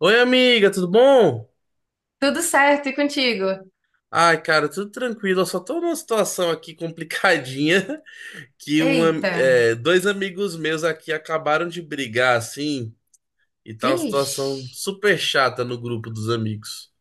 Oi, amiga, tudo bom? Tudo certo e contigo? Ai, cara, tudo tranquilo. Eu só tô numa situação aqui complicadinha que Eita, dois amigos meus aqui acabaram de brigar, assim, e tá uma situação vixe. super chata no grupo dos amigos.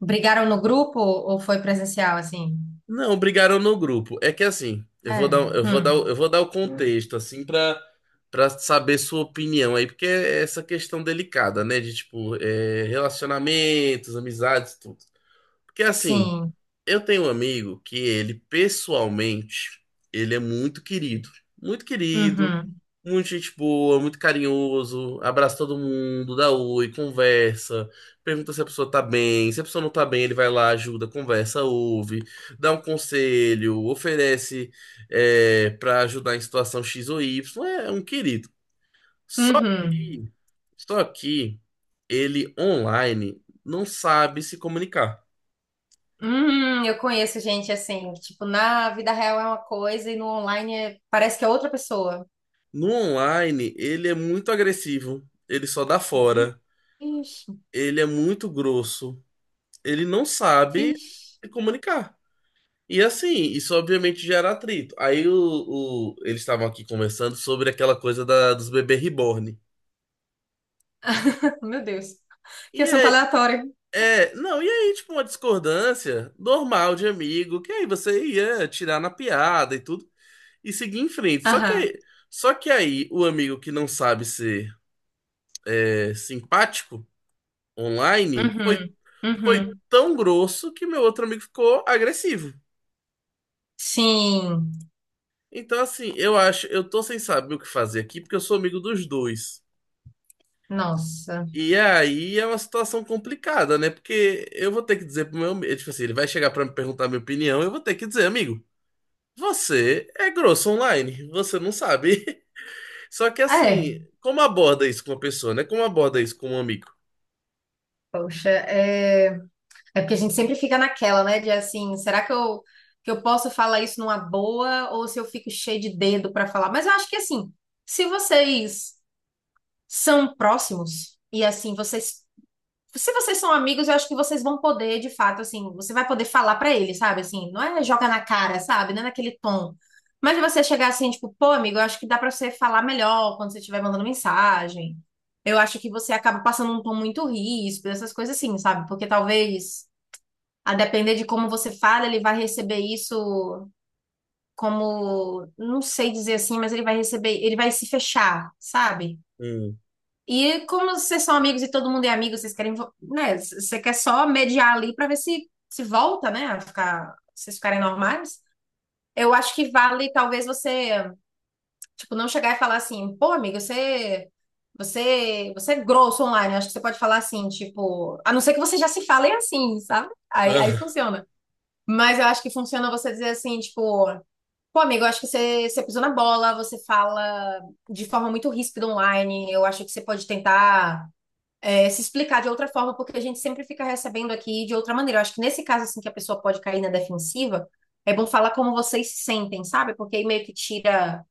Brigaram no grupo ou foi presencial assim? Não, brigaram no grupo. É que assim, É. Hum. eu vou dar o contexto, assim, pra, pra saber sua opinião aí, porque é essa questão delicada, né? De tipo, relacionamentos, amizades, tudo. Porque assim. Sim. Eu tenho um amigo que ele, pessoalmente, ele é muito querido. Muito querido, Uhum. muito gente boa, muito carinhoso, abraça todo mundo, dá oi, conversa, pergunta se a pessoa tá bem. Se a pessoa não tá bem, ele vai lá, ajuda, conversa, ouve, dá um conselho, oferece para ajudar em situação X ou Y. É um querido. Só Uhum. que, só que ele online não sabe se comunicar. Eu conheço gente assim, que, tipo, na vida real é uma coisa e no online parece que é outra pessoa. No online, ele é muito agressivo, ele só dá Vixe, fora, ele é muito grosso, ele não sabe vixe. se comunicar. E assim, isso obviamente gera atrito. Aí eles estavam aqui conversando sobre aquela coisa dos bebês reborn. Meu Deus. Que E assunto é, aleatório. é, não, e aí, tipo, uma discordância normal de amigo, que aí você ia tirar na piada e tudo, e seguir em frente. Aham. Só que aí o amigo que não sabe ser simpático online foi, Uhum. foi Uhum. tão grosso que meu outro amigo ficou agressivo. Sim. Então, assim, eu tô sem saber o que fazer aqui, porque eu sou amigo dos dois. Nossa. E aí é uma situação complicada, né? Porque eu vou ter que dizer pro meu amigo, tipo assim, ele vai chegar pra me perguntar a minha opinião, eu vou ter que dizer, amigo, você é grosso online, você não sabe. Só que É. assim, como aborda isso com uma pessoa, né? Como aborda isso com um amigo? Poxa, é. É porque a gente sempre fica naquela, né? De assim, que eu posso falar isso numa boa ou se eu fico cheio de dedo para falar? Mas eu acho que assim, se vocês são próximos e assim, se vocês são amigos, eu acho que vocês vão poder, de fato, assim, você vai poder falar para ele, sabe? Assim, não é joga na cara, sabe? Não é naquele tom. Mas você chegar assim, tipo, pô, amigo, eu acho que dá para você falar melhor quando você estiver mandando mensagem. Eu acho que você acaba passando um tom muito ríspido, essas coisas assim, sabe? Porque talvez a depender de como você fala, ele vai receber isso como, não sei dizer assim, mas ele vai receber, ele vai se fechar, sabe? Hum. E como vocês são amigos e todo mundo é amigo, né? Você quer só mediar ali pra ver se se volta, né? Vocês ficarem normais. Eu acho que vale talvez você, tipo, não chegar e falar assim, pô, amigo, você, você é grosso online. Eu acho que você pode falar assim, tipo, a não ser que vocês já se falem assim, sabe? Aí Ah, funciona. Mas eu acho que funciona você dizer assim, tipo, pô, amigo, eu acho que você pisou na bola, você fala de forma muito ríspida online. Eu acho que você pode tentar se explicar de outra forma, porque a gente sempre fica recebendo aqui de outra maneira. Eu acho que nesse caso, assim, que a pessoa pode cair na defensiva, é bom falar como vocês se sentem, sabe? Porque aí meio que tira.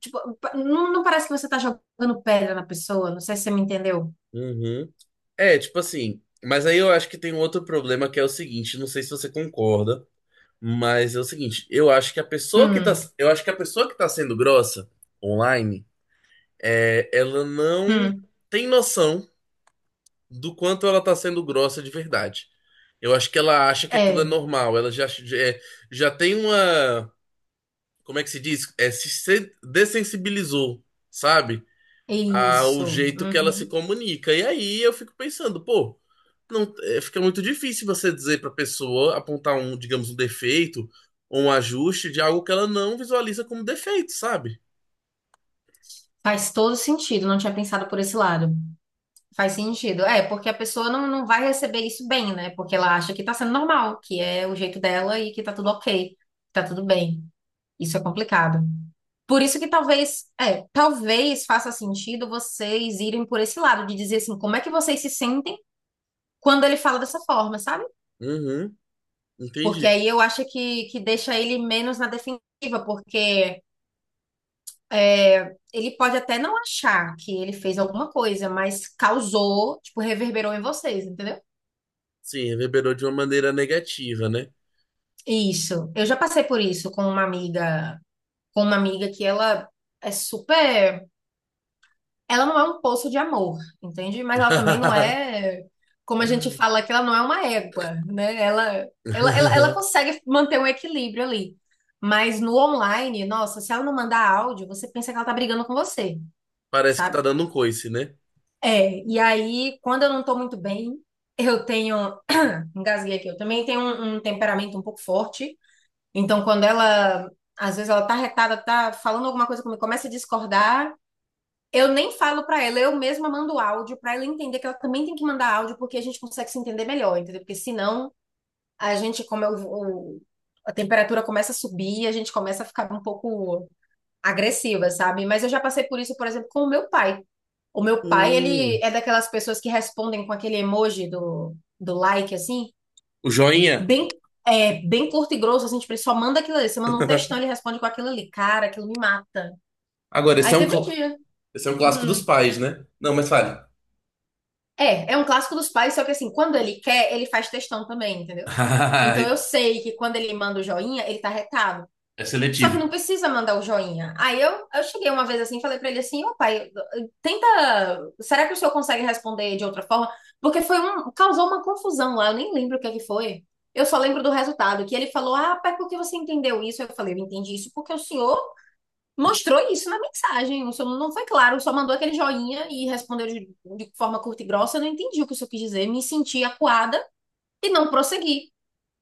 Tipo, não parece que você tá jogando pedra na pessoa. Não sei se você me entendeu. uhum. É, tipo assim, mas aí eu acho que tem um outro problema que é o seguinte, não sei se você concorda, mas é o seguinte, Hum, eu acho que a pessoa que tá sendo grossa online, é, ela não hum, tem noção do quanto ela tá sendo grossa de verdade. Eu acho que ela acha que aquilo é é, normal, ela já, já, é, já tem uma, como é que se diz? É, se se dessensibilizou, sabe? é O isso. jeito que ela se Uhum. comunica. E aí eu fico pensando, pô, não, é, fica muito difícil você dizer para pessoa apontar um, digamos, um defeito ou um ajuste de algo que ela não visualiza como defeito, sabe? Faz todo sentido, não tinha pensado por esse lado. Faz sentido. É, porque a pessoa não vai receber isso bem, né? Porque ela acha que tá sendo normal, que é o jeito dela e que tá tudo ok, que tá tudo bem. Isso é complicado. Por isso que talvez, talvez faça sentido vocês irem por esse lado, de dizer assim, como é que vocês se sentem quando ele fala dessa forma, sabe? Uhum, Porque entendi. aí eu acho que deixa ele menos na defensiva, porque ele pode até não achar que ele fez alguma coisa, mas causou, tipo, reverberou em vocês, entendeu? Sim, reverberou de uma maneira negativa, né? Isso. Eu já passei por isso com uma amiga que ela é super, ela não é um poço de amor, entende? Mas ela também não é, como a gente fala que ela não é uma égua, né? Ela consegue manter um equilíbrio ali. Mas no online, nossa, se ela não mandar áudio, você pensa que ela tá brigando com você, Parece que sabe? tá dando um coice, né? É, e aí, quando eu não tô muito bem, eu tenho, engasguei aqui, eu também tenho um temperamento um pouco forte. Então, às vezes ela tá retada, tá falando alguma coisa comigo, começa a discordar, eu nem falo pra ela, eu mesma mando áudio pra ela entender que ela também tem que mandar áudio, porque a gente consegue se entender melhor, entendeu? Porque senão a gente, como eu, o- a temperatura começa a subir, a gente começa a ficar um pouco agressiva, sabe? Mas eu já passei por isso, por exemplo, com o meu pai. O meu pai, ele Hum, é daquelas pessoas que respondem com aquele emoji do like, assim o joinha. bem, bem curto e grosso, assim, tipo, ele só manda aquilo ali. Você manda um textão, ele responde com aquilo ali. Cara, aquilo me mata. Agora, Aí teve um dia. esse é um clássico Uhum. dos pais, né? Não, mas fale. É, é um clássico dos pais, só que assim, quando ele quer, ele faz textão também, entendeu? Então eu sei que quando ele manda o joinha, ele tá retado. É Só que seletivo. não precisa mandar o joinha. Eu cheguei uma vez assim, e falei pra ele assim, ô pai, tenta, será que o senhor consegue responder de outra forma? Porque foi um, causou uma confusão lá, eu nem lembro o que é que foi. Eu só lembro do resultado, que ele falou, ah, pai, por que você entendeu isso? Eu falei, eu entendi isso porque o senhor mostrou isso na mensagem. O senhor não foi claro, só mandou aquele joinha e respondeu de forma curta e grossa. Eu não entendi o que o senhor quis dizer, me senti acuada e não prossegui.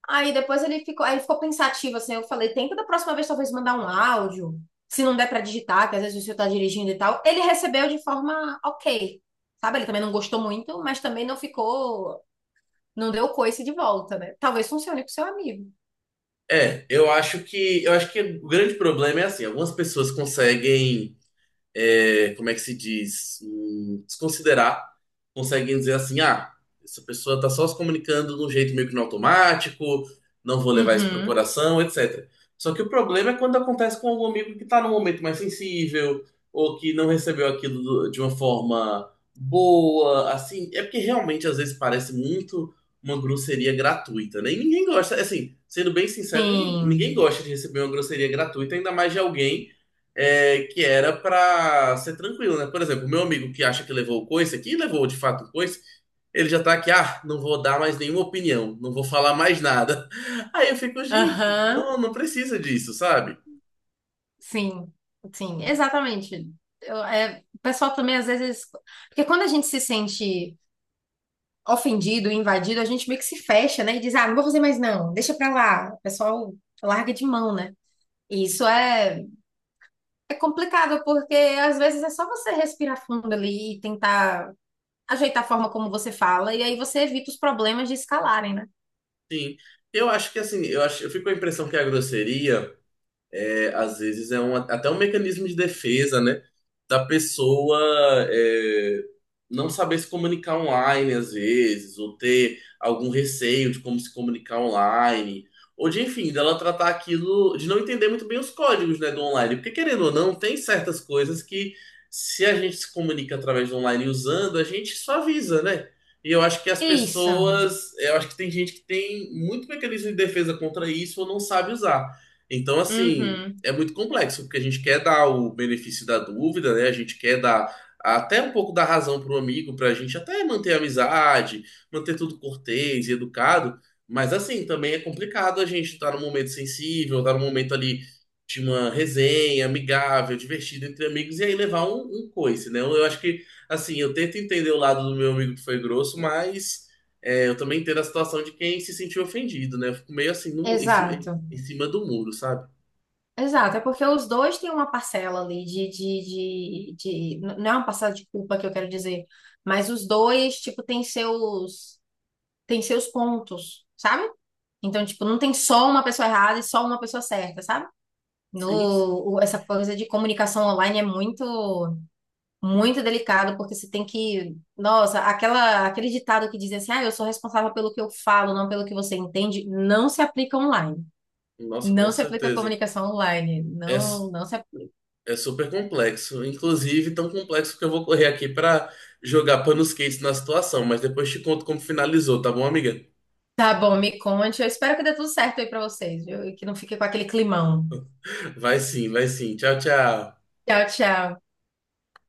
Aí ele ficou pensativo, assim, eu falei, tenta da próxima vez talvez mandar um áudio, se não der pra digitar, que às vezes o senhor tá dirigindo e tal. Ele recebeu de forma ok, sabe? Ele também não gostou muito, mas também não ficou, não deu coice de volta, né? Talvez funcione pro seu amigo. É, eu acho que o grande problema é assim, algumas pessoas conseguem é, como é que se diz, desconsiderar, conseguem dizer assim, ah, essa pessoa está só se comunicando de um jeito meio que no automático, não vou levar isso pro Uhum. coração, etc. Só que o problema é quando acontece com algum amigo que está num momento mais sensível, ou que não recebeu aquilo de uma forma boa, assim, é porque realmente às vezes parece muito uma grosseria gratuita, né? E ninguém gosta, assim, sendo bem sincero, Sim. ninguém gosta de receber uma grosseria gratuita, ainda mais de alguém que era pra ser tranquilo, né? Por exemplo, meu amigo que acha que levou o coice aqui, levou de fato o coice, ele já tá aqui, ah, não vou dar mais nenhuma opinião, não vou falar mais nada. Aí eu fico, gente, Aham. não, não precisa disso, sabe? Sim. Sim, exatamente. É, o pessoal também às vezes, porque quando a gente se sente ofendido, invadido, a gente meio que se fecha, né? E diz, ah, não vou fazer mais não, deixa pra lá. O pessoal larga de mão, né? E isso é complicado, porque às vezes é só você respirar fundo ali e tentar ajeitar a forma como você fala, e aí você evita os problemas de escalarem, né? Sim. Eu acho que assim, eu acho, eu fico com a impressão que é a grosseria. É às vezes é um, até um mecanismo de defesa, né? Da pessoa é, não saber se comunicar online, às vezes, ou ter algum receio de como se comunicar online, ou de, enfim, dela tratar aquilo, de não entender muito bem os códigos, né, do online. Porque, querendo ou não, tem certas coisas que, se a gente se comunica através do online usando, a gente suaviza, né? E eu acho que as Isso, pessoas, eu acho que tem gente que tem muito mecanismo de defesa contra isso ou não sabe usar. Então, assim, uhum, é muito complexo, porque a gente quer dar o benefício da dúvida, né? A gente quer dar até um pouco da razão para o amigo, para a gente até manter a amizade, manter tudo cortês e educado. Mas assim, também é complicado a gente estar num momento sensível, estar num momento ali de uma resenha amigável, divertida entre amigos, e aí levar um, um coice, né? Eu acho que, assim, eu tento entender o lado do meu amigo que foi grosso, mas é, eu também entendo a situação de quem se sentiu ofendido, né? Eu fico meio assim, no, mu- exato, em cima do muro, sabe? exato. É porque os dois têm uma parcela ali Não é uma parcela de culpa que eu quero dizer, mas os dois, tipo, têm seus pontos, sabe? Então, tipo, não tem só uma pessoa errada e só uma pessoa certa, sabe? Sim, No, o- essa coisa de comunicação online é muito, muito delicado, porque você tem que, nossa, aquele ditado que diz assim, ah, eu sou responsável pelo que eu falo, não pelo que você entende, não se aplica online. nossa, com Não se aplica à certeza. comunicação online. É, s- Não se aplica. É super complexo. Inclusive, tão complexo que eu vou correr aqui pra jogar panos quentes na situação. Mas depois te conto como finalizou, tá bom, amiga? Tá bom, me conte. Eu espero que dê tudo certo aí pra vocês, viu? E que não fique com aquele climão. Vai sim, vai sim. Tchau, tchau. Tchau, tchau.